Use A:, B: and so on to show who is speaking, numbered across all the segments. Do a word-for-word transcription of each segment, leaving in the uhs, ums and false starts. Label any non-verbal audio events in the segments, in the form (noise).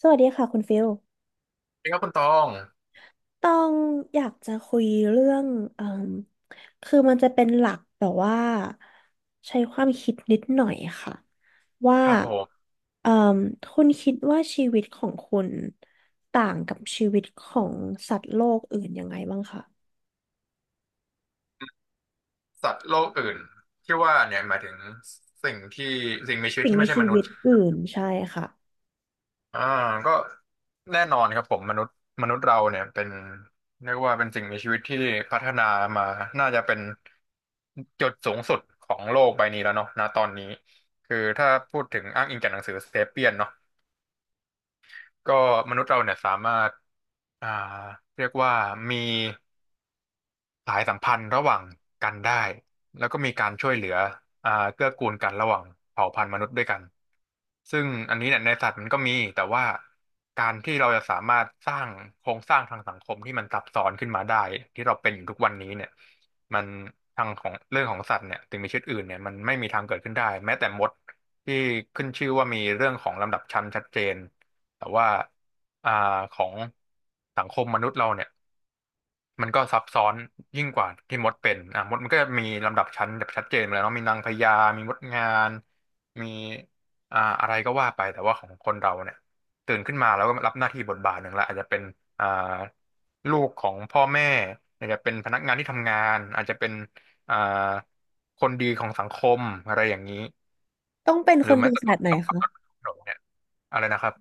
A: สวัสดีค่ะคุณฟิล
B: นี่ครับคุณตอง
A: ต้องอยากจะคุยเรื่องเอ่มคือมันจะเป็นหลักแบบว่าใช้ความคิดนิดหน่อยค่ะว่า
B: ครับผม
A: เอ่มคุณคิดว่าชีวิตของคุณต่างกับชีวิตของสัตว์โลกอื่นยังไงบ้างคะ
B: สัตว์โลกอื่นที่ว่าเนี่ยหมายถึงสิ่งที่สิ่งมีชีวิต
A: สิ่ง
B: ที่
A: ใน
B: ไม่ใช่
A: ชี
B: มนุษ
A: วิต
B: ย์
A: อื่นใช่ค่ะ
B: อ่าก็แน่นอนครับผมมนุษย์มนุษย์เราเนี่ยเป็นเรียกว่าเป็นสิ่งมีชีวิตที่พัฒนามาน่าจะเป็นจุดสูงสุดของโลกใบนี้แล้วเนาะณตอนนี้คือถ้าพูดถึงอ้างอิงจากหนังสือเซเปียนเนาะก็มนุษย์เราเนี่ยสามารถอ่าเรียกว่ามี สายสัมพันธ์ระหว่างกันได้ แล้วก็มีการช่วยเหลืออ่าเกื้อกูลกันระหว่างเผ่าพันธุ์มนุษย์ด้วยกัน ซึ่งอันนี้เนี่ยในสัตว์มันก็มี แต่ว่าการที่เราจะสามารถสร้างโครงสร้างทางสังคมที่มันซับซ้อนขึ้นมาได้ที่เราเป็นอยู่ทุกวันนี้เนี่ยมันทางของเรื่องของสัตว์เนี่ยถึงมีชีวิตอื่นเนี่ยมันไม่มีทางเกิดขึ้นได้แม้แต่มดที่ขึ้นชื่อว่ามีเรื่องของลำดับชั้นชัดเจนแต่ว่าอ่าของสังคมมนุษย์เราเนี่ย มันก็ซับซ้อนยิ่งกว่าที่มดเป็นอ่ะมดมันก็จะมีลำดับชั้นแบบชัดเจนเลยเนาะมีนางพญามีมดงานมีอ่าอะไรก็ว่าไปแต่ว่าของคนเราเนี่ยตื่นขึ้นมาแล้วก็รับหน้าที่บทบาทหนึ่งละอาจจะเป็นอ่าลูกของพ่อแม่อาจจะเป็นพนักงานที่ทำงานอาจจะเป็นอ่าคนดีของสังคมอะไรอย่างนี้
A: ต้องเป็น
B: ห
A: ค
B: รือ
A: น
B: แม้
A: ดี
B: แต่
A: ข
B: ต
A: นา
B: อน
A: ดไหน
B: ขับรถบ
A: คะ
B: นถนนเนี่ยอะไรนะครับ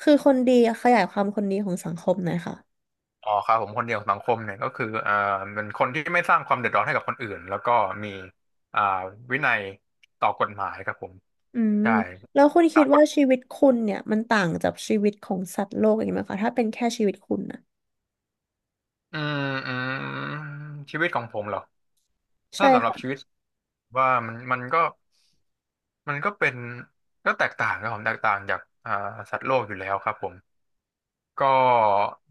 A: คือคนดีขยายความคนดีของสังคมหน่อยค่ะ
B: อ๋อครับผมคนเดียวสังคมเนี่ยก็คืออ่าเป็นคนที่ไม่สร้างความเดือดร้อนให้กับคนอื่นแล้วก็มีอ่าวินัยต่อกฎหมายครับผม
A: อืม
B: ใช่
A: แล้วคุณคิ
B: สา
A: ด
B: ก
A: ว่า
B: ล
A: ชีวิตคุณเนี่ยมันต่างจากชีวิตของสัตว์โลกอย่างนี้ไหมคะถ้าเป็นแค่ชีวิตคุณนะ
B: อืมอืมชีวิตของผมเหรอ
A: ใช่
B: ถ้าสำหรับชี
A: ค่ะ
B: วิตว่ามันมันก็มันก็เป็นก็แตกต่างครับผมแตกต่างจากอ่าสัตว์โลกอยู่แล้วครับผม ก็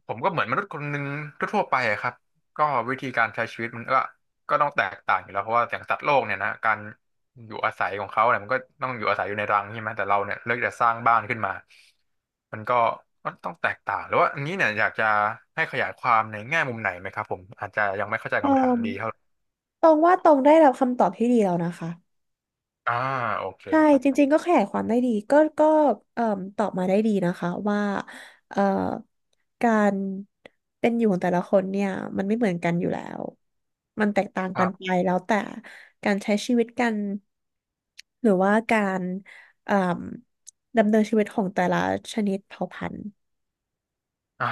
B: ผมก็เหมือนมนุษย์คนหนึ่งทั่วๆไปอะครับก็วิธีการใช้ชีวิตมันก็ก็ต้องแตกต่างอยู่แล้วเพราะว่าอย่างสัตว์โลกเนี่ยนะการอยู่อาศัยของเขาเนี่ยมันก็ต้องอยู่อาศัยอยู่ในรังใช่ไหมแต่เราเนี่ยเลือกจะสร้างบ้านขึ้นมามันก็มันต้องแตกต่างหรือว่าอันนี้เนี่ยอยากจะให้ขยายความในแง่มุมไหนไหมครับผมอาจจะยังไม่เข้าใจ
A: อ
B: คำถามดีเท่าไห
A: ออ
B: ร่
A: ตรงว่าตรงได้รับคำตอบที่ดีแล้วนะคะ
B: อ่าโอเค
A: ใช่
B: ครับ
A: จริงๆก็ขยายความได้ดีก็ก็เอ่มตอบมาได้ดีนะคะว่าเอ่อการเป็นอยู่ของแต่ละคนเนี่ยมันไม่เหมือนกันอยู่แล้วมันแตกต่างกันไปแล้วแต่การใช้ชีวิตกันหรือว่าการเอ่มดำเนินชีวิตของแต่ละชนิดเผ่าพันธุ์
B: อ่า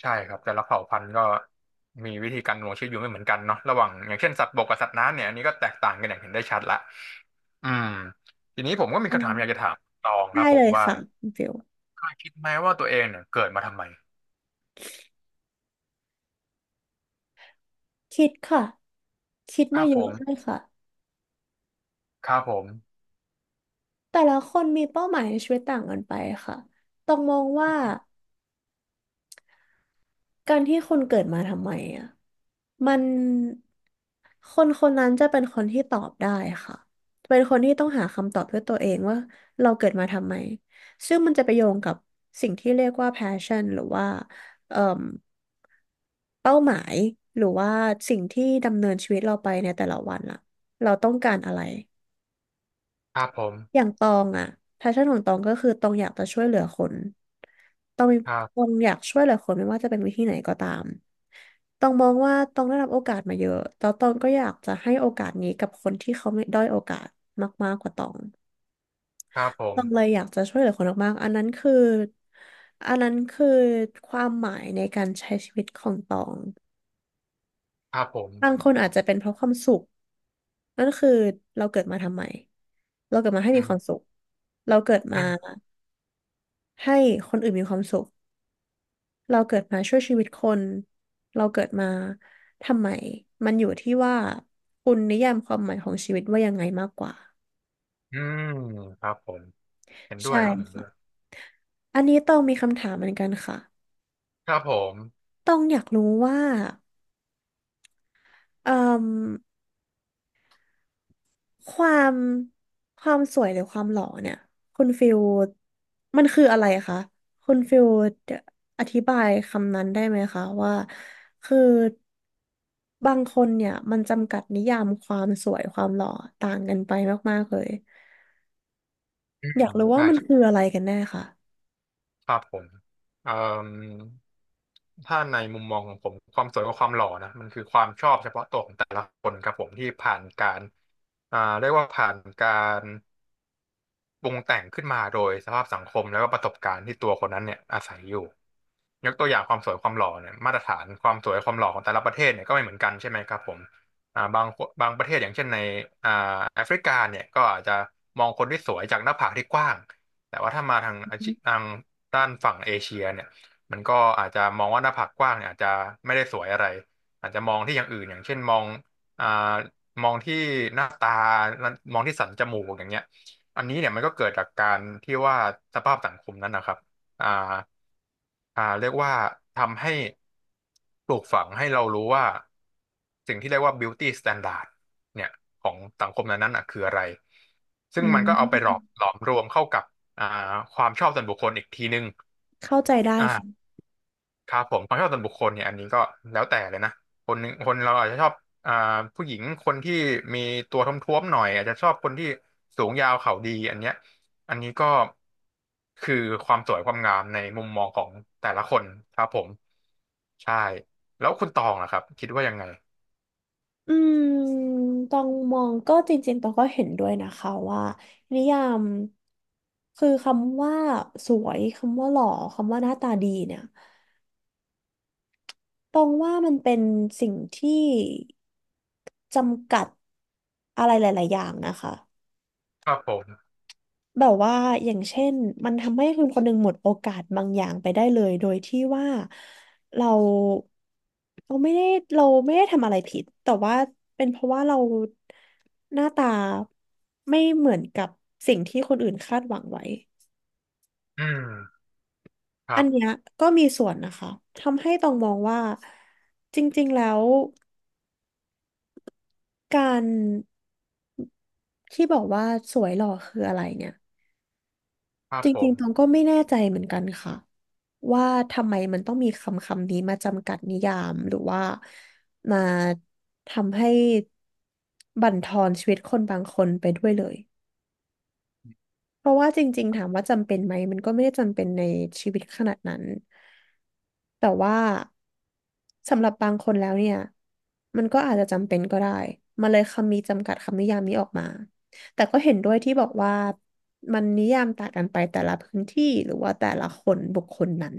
B: ใช่ครับแต่ละเผ่าพันธุ์ก็มีวิธีการดำรงชีวิตอยู่ไม่เหมือนกันเนาะระหว่างอย่างเช่นสัตว์บกกับสัตว์น้ำเนี่ยอันนี้ก็แตกต่างกันอย่างเห็นได้ชัดละอืมทีนี้ผมก็มี
A: ได
B: คำถามอยาก
A: ้
B: จะถามตองค
A: ได้
B: รับผ
A: เล
B: ม
A: ย
B: ว่า
A: ค่ะคุณฟิล
B: เคยคิดไหมว่าตัวเองเนี่ยเกิดมาทำไม
A: คิดค่ะคิด
B: ค
A: มา
B: รับ
A: เย
B: ผ
A: อะ
B: ม
A: ด้วยค่ะ
B: ครับผม
A: แต่ละคนมีเป้าหมายในชีวิตต่างกันไปค่ะต้องมองว่า การที่คนเกิดมาทำไมอ่ะมันคนคนนั้นจะเป็นคนที่ตอบได้ค่ะเป็นคนที่ต้องหาคำตอบด้วยตัวเองว่าเราเกิดมาทำไมซึ่งมันจะไปโยงกับสิ่งที่เรียกว่า passion หรือว่าเอ่มเป้าหมายหรือว่าสิ่งที่ดำเนินชีวิตเราไปในแต่ละวันล่ะเราต้องการอะไร
B: ครับผม
A: อย่างตองอะแพชชั่นของตองก็คือตองอยากจะช่วยเหลือคนตองมี
B: ครั
A: ตอ
B: บ
A: งอยากช่วยเหลือคนไม่ว่าจะเป็นวิธีไหนก็ตามตองมองว่าตองได้รับโอกาสมาเยอะแล้วตองก็อยากจะให้โอกาสนี้กับคนที่เขาไม่ด้อยโอกาสมากๆกว่าตอง
B: ครับผ
A: ต
B: ม
A: องเลยอยากจะช่วยเหลือคนมากๆอันนั้นคืออันนั้นคือความหมายในการใช้ชีวิตของตอง
B: ครับผม
A: บางคนอาจจะเป็นเพราะความสุขนั่นคือเราเกิดมาทำไมเราเกิดมาให้
B: อื
A: มีความ
B: ม
A: สุขเราเกิดมา
B: อืม
A: ให้คนอื่นมีความสุข เราเกิดมาช่วยชีวิตคน เราเกิดมาทำไม มันอยู่ที่ว่าคุณนิยามความหมายของชีวิตว่ายังไงมากกว่า
B: อืมครับผมเห็นด้ว
A: ใช่
B: ยครับเห็นด้วย
A: ค่ะอันนี้ต้องมีคำถามเหมือนกันค่ะ
B: ครับผม
A: ต้องอยากรู้ว่าเอ่อ ความความสวยหรือความหล่อเนี่ยคุณฟิลมันคืออะไรคะคุณฟิลอธิบายคำนั้นได้ไหมคะว่าคือบางคนเนี่ยมันจำกัดนิยามความสวยความหล่อต่างกันไปมากๆเลย
B: อื
A: อยาก
B: ม
A: รู้ว่า
B: ใช่
A: มันคืออะไรกันแน่ค่ะ
B: ครับผมเอ่มถ้าในมุมมองของผมความสวยกับความหล่อนะมันคือความชอบเฉพาะตัวของแต่ละคนครับผมที่ผ่านการอ่าเรียกว่าผ่านการปรุงแต่งขึ้นมาโดยสภาพสังคมแล้วก็ประสบการณ์ที่ตัวคนนั้นเนี่ยอาศัยอยู่ ยกตัวอย่างความสวยความหล่อเนี่ยมาตรฐานความสวยความหล่อของแต่ละประเทศเนี่ยก็ไม่เหมือนกันใช่ไหมครับผมอ่าบางบางประเทศอย่างเช่นในอ่าแอฟริกาเนี่ยก็อาจจะมองคนที่สวยจากหน้าผากที่กว้างแต่ว่าถ้ามาทางอาชีทางด้านฝั่งเอเชียเนี่ยมันก็อาจจะมองว่าหน้าผากกว้างเนี่ยอาจจะไม่ได้สวยอะไรอาจจะมองที่อย่างอื่นอย่างเช่นมองอ่ามองที่หน้าตามองที่สันจมูกอย่างเงี้ยอันนี้เนี่ยมันก็เกิดจากการที่ว่าสภาพสังคมนั้นนะครับ อ่าอ่าเรียกว่าทำให้ปลูกฝังให้เรารู้ว่าสิ่งที่เรียกว่า beauty standard เนี่ยของสังคมนั้นๆอ่ะคืออะไรซึ่
A: อื
B: งมันก็เอาไปหลอม
A: ม
B: หลอมรวมเข้ากับอ่าความชอบส่วนบุคคลอีกทีนึง
A: เข้าใจได้ค่ะ
B: ครับผมความชอบส่วนบุคคลเนี่ยอันนี้ก็แล้วแต่เลยนะคนหนึ่งคนเราอาจจะชอบอ่าผู้หญิงคนที่มีตัวท้วมๆหน่อยอาจจะชอบคนที่สูงยาวเข่าดีอันเนี้ยอันนี้ก็คือความสวยความงามในมุมมองของแต่ละคนครับผมใช่แล้วคุณตองล่ะครับคิดว่ายังไง
A: อืมตองมองก็จริงๆตองก็เห็นด้วยนะคะว่านิยามคือคำว่าสวยคำว่าหล่อคำว่าหน้าตาดีเนี่ยตองว่ามันเป็นสิ่งที่จำกัดอะไรหลายๆอย่างนะคะ
B: ครับผม
A: แบบว่าอย่างเช่นมันทำให้คนคนหนึ่งหมดโอกาสบางอย่างไปได้เลยโดยที่ว่าเราเราไม่ได้เราไม่ได้ทำอะไรผิดแต่ว่าเป็นเพราะว่าเราหน้าตาไม่เหมือนกับสิ่งที่คนอื่นคาดหวังไว้
B: อืมค
A: อั
B: รั
A: นเนี้ย
B: บ
A: ก็มีส่วนนะคะทำให้ต้องมองว่าจริงๆแล้วการที่บอกว่าสวยหล่อคืออะไรเนี่ย
B: ครับ
A: จ
B: ผ
A: ริง
B: ม
A: ๆตองก็ไม่แน่ใจเหมือนกันค่ะว่าทำไมมันต้องมีคำคำนี้มาจำกัดนิยามหรือว่ามาทำให้บั่นทอนชีวิตคนบางคนไปด้วยเลย เพราะว่าจริงๆถามว่าจำเป็นไหมมันก็ไม่ได้จำเป็นในชีวิตขนาดนั้นแต่ว่าสำหรับบางคนแล้วเนี่ยมันก็อาจจะจำเป็นก็ได้มาเลยคำนี้จำกัดคำนิยามนี้ออกมาแต่ก็เห็นด้วยที่บอกว่ามันนิยามต่างกันไปแต่ละพื้นที่หรือว่าแต่ละคนบุคคลนั้น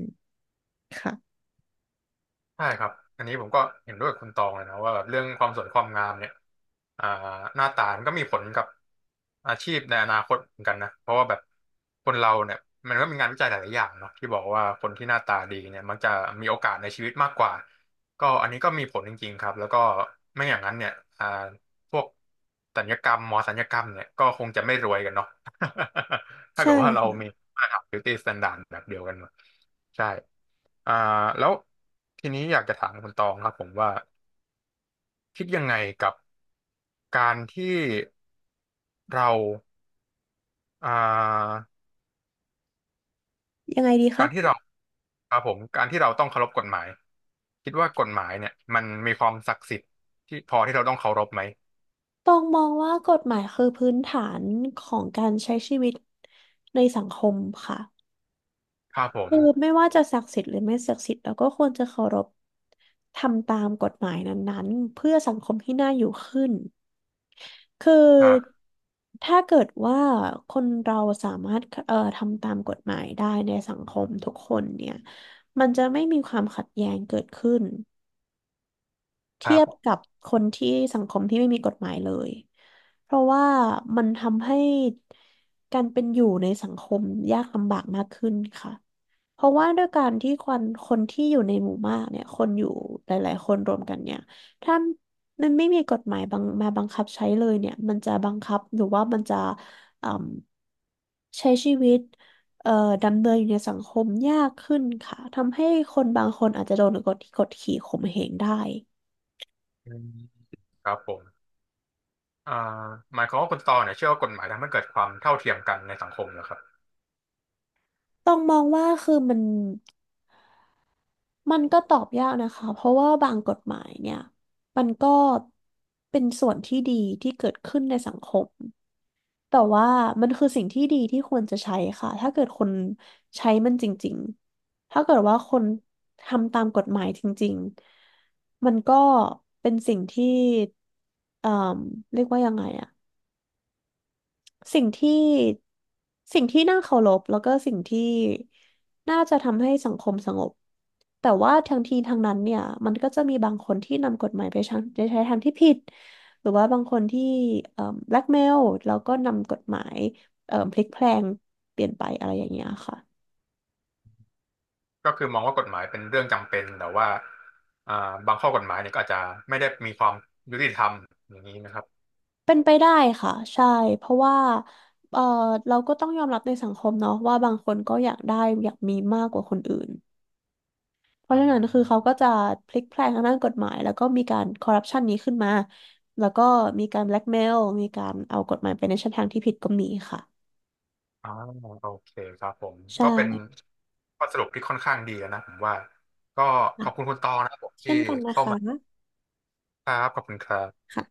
A: ค่ะ
B: ใช่ครับ อันนี้ผมก็เห็นด้วยกับคุณตองเลยนะว่าแบบเรื่องความสวยความงามเนี่ยอ่าหน้าตามันก็มีผลกับอาชีพในอนาคตเหมือนกันนะเพราะว่าแบบคนเราเนี่ยมันก็มีงานวิจัยหลายๆอย่างเนาะที่บอกว่าคนที่หน้าตาดีเนี่ยมักจะมีโอกาสในชีวิตมากกว่าก็อันนี้ก็มีผลจริงๆครับแล้วก็ไม่อย่างนั้นเนี่ยอ่า พวกศัลยกรรมหมอศัลยกรรมเนี่ยก็คงจะไม่รวยกันเนาะ (laughs) ถ้า
A: ใช่
B: เกิดว่าเรามี
A: ค่ะ
B: มาตรฐาน beauty standard แบบเดียวกันหมดใช่อ่าแล้วทีนี้อยากจะถามคุณตองครับผมว่าคิดยังไงกับการที่เราอ่า
A: ยังไงดี
B: กา
A: คะ
B: รที่เราครับผมการที่เราต้องเคารพกฎหมายคิดว่ากฎหมายเนี่ยมันมีความศักดิ์สิทธิ์ที่พอที่เราต้องเคารพไหม
A: ตองมองว่ากฎหมายคือพื้นฐานของการใช้ชีวิตในสังคมค่ะ
B: ครับผม
A: คือไม่ว่าจะศักดิ์สิทธิ์หรือไม่ศักดิ์สิทธิ์เราก็ควรจะเคารพทำตามกฎหมายนั้นๆเพื่อสังคมที่น่าอยู่ขึ้นคื
B: ครั
A: อ
B: บ
A: ถ้าเกิดว่าคนเราสามารถเอ่อทำตามกฎหมายได้ในสังคมทุกคนเนี่ยมันจะไม่มีความขัดแย้งเกิดขึ้น
B: ค
A: เที
B: รั
A: ยบ
B: บ
A: กับคนที่สังคมที่ไม่มีกฎหมายเลย เพราะว่ามันทำให้การเป็นอยู่ในสังคมยากลำบากมากขึ้นค่ะเพราะว่าด้วยการที่คนคนที่อยู่ในหมู่มากเนี่ยคนอยู่หลายๆคนรวมกันเนี่ยถ้ามันไม่มีกฎหมายบังมาบังคับใช้เลยเนี่ยมันจะบังคับหรือว่ามันจะอืมใช้ชีวิตเอ่อดำเนินอยู่ในสังคมยากขึ้นค่ะ ทำให้คนบางคนอาจจะโดนกดกดขี่ข่มเหงได้
B: อืมครับผม อ่าหมายความว่าคุณตอเนี่ยเชื่อว่ากฎหมายทำให้เกิดความเท่าเทียมกันในสังคมนะครับ
A: ต้องมองว่าคือมันมันก็ตอบยากนะคะเพราะว่าบางกฎหมายเนี่ยมันก็เป็นส่วนที่ดีที่เกิดขึ้นในสังคมแต่ว่ามันคือสิ่งที่ดีที่ควรจะใช้ค่ะถ้าเกิดคนใช้มันจริงๆถ้าเกิดว่าคนทำตามกฎหมายจริงๆมันก็เป็นสิ่งที่เอ่อเรียกว่ายังไงอะ สิ่งที่สิ่งที่น่าเคารพแล้วก็สิ่งที่น่าจะทำให้สังคมสงบแต่ว่าทั้งทีทั้งนั้นเนี่ยมันก็จะมีบางคนที่นำกฎหมายไปใช้ไปใช้ทางที่ผิดหรือว่าบางคนที่เอ่อแบล็กเมลแล้วก็นำกฎหมายเอ่อพลิกแพลงเปลี่ยนไปอะไรอย่างเงี้ยค่ะ
B: ก็คือมองว่ากฎหมายเป็นเรื่องจำเป็นแต่ว่าอ่าบางข้อกฎหมายเนี่ยก็อาจจะไม่ได้มีความยุติธรรมอย่างนี้นะครับ
A: เป็นไปได้ค่ะใช่เพราะว่าเอ่อเราก็ต้องยอมรับในสังคมเนาะว่าบางคนก็อยากได้อยากมีมากกว่าคนอื่น เพราะ
B: อื
A: ฉะนั้นคือเขา
B: ม
A: ก็จะพลิกแพลงทางด้านกฎหมายแล้วก็มีการคอร์รัปชันนี้ขึ้นมาแล้วก็มีการแบล็กเมลมีการเอากฎหมายไปในช่องทางที่ผิดก็มีค่ะ
B: อ๋อโอเคครับผม
A: ใช่
B: ก็เป็นข้อสรุปที่ค่อนข้างดีนะผมว่าก็ข
A: ค่ะ
B: อบคุณคุณตอนะครับผม
A: เช่
B: ที่
A: นกันนะ
B: เข้า
A: คะ
B: มาครับขอบคุณครับ
A: ค่ะ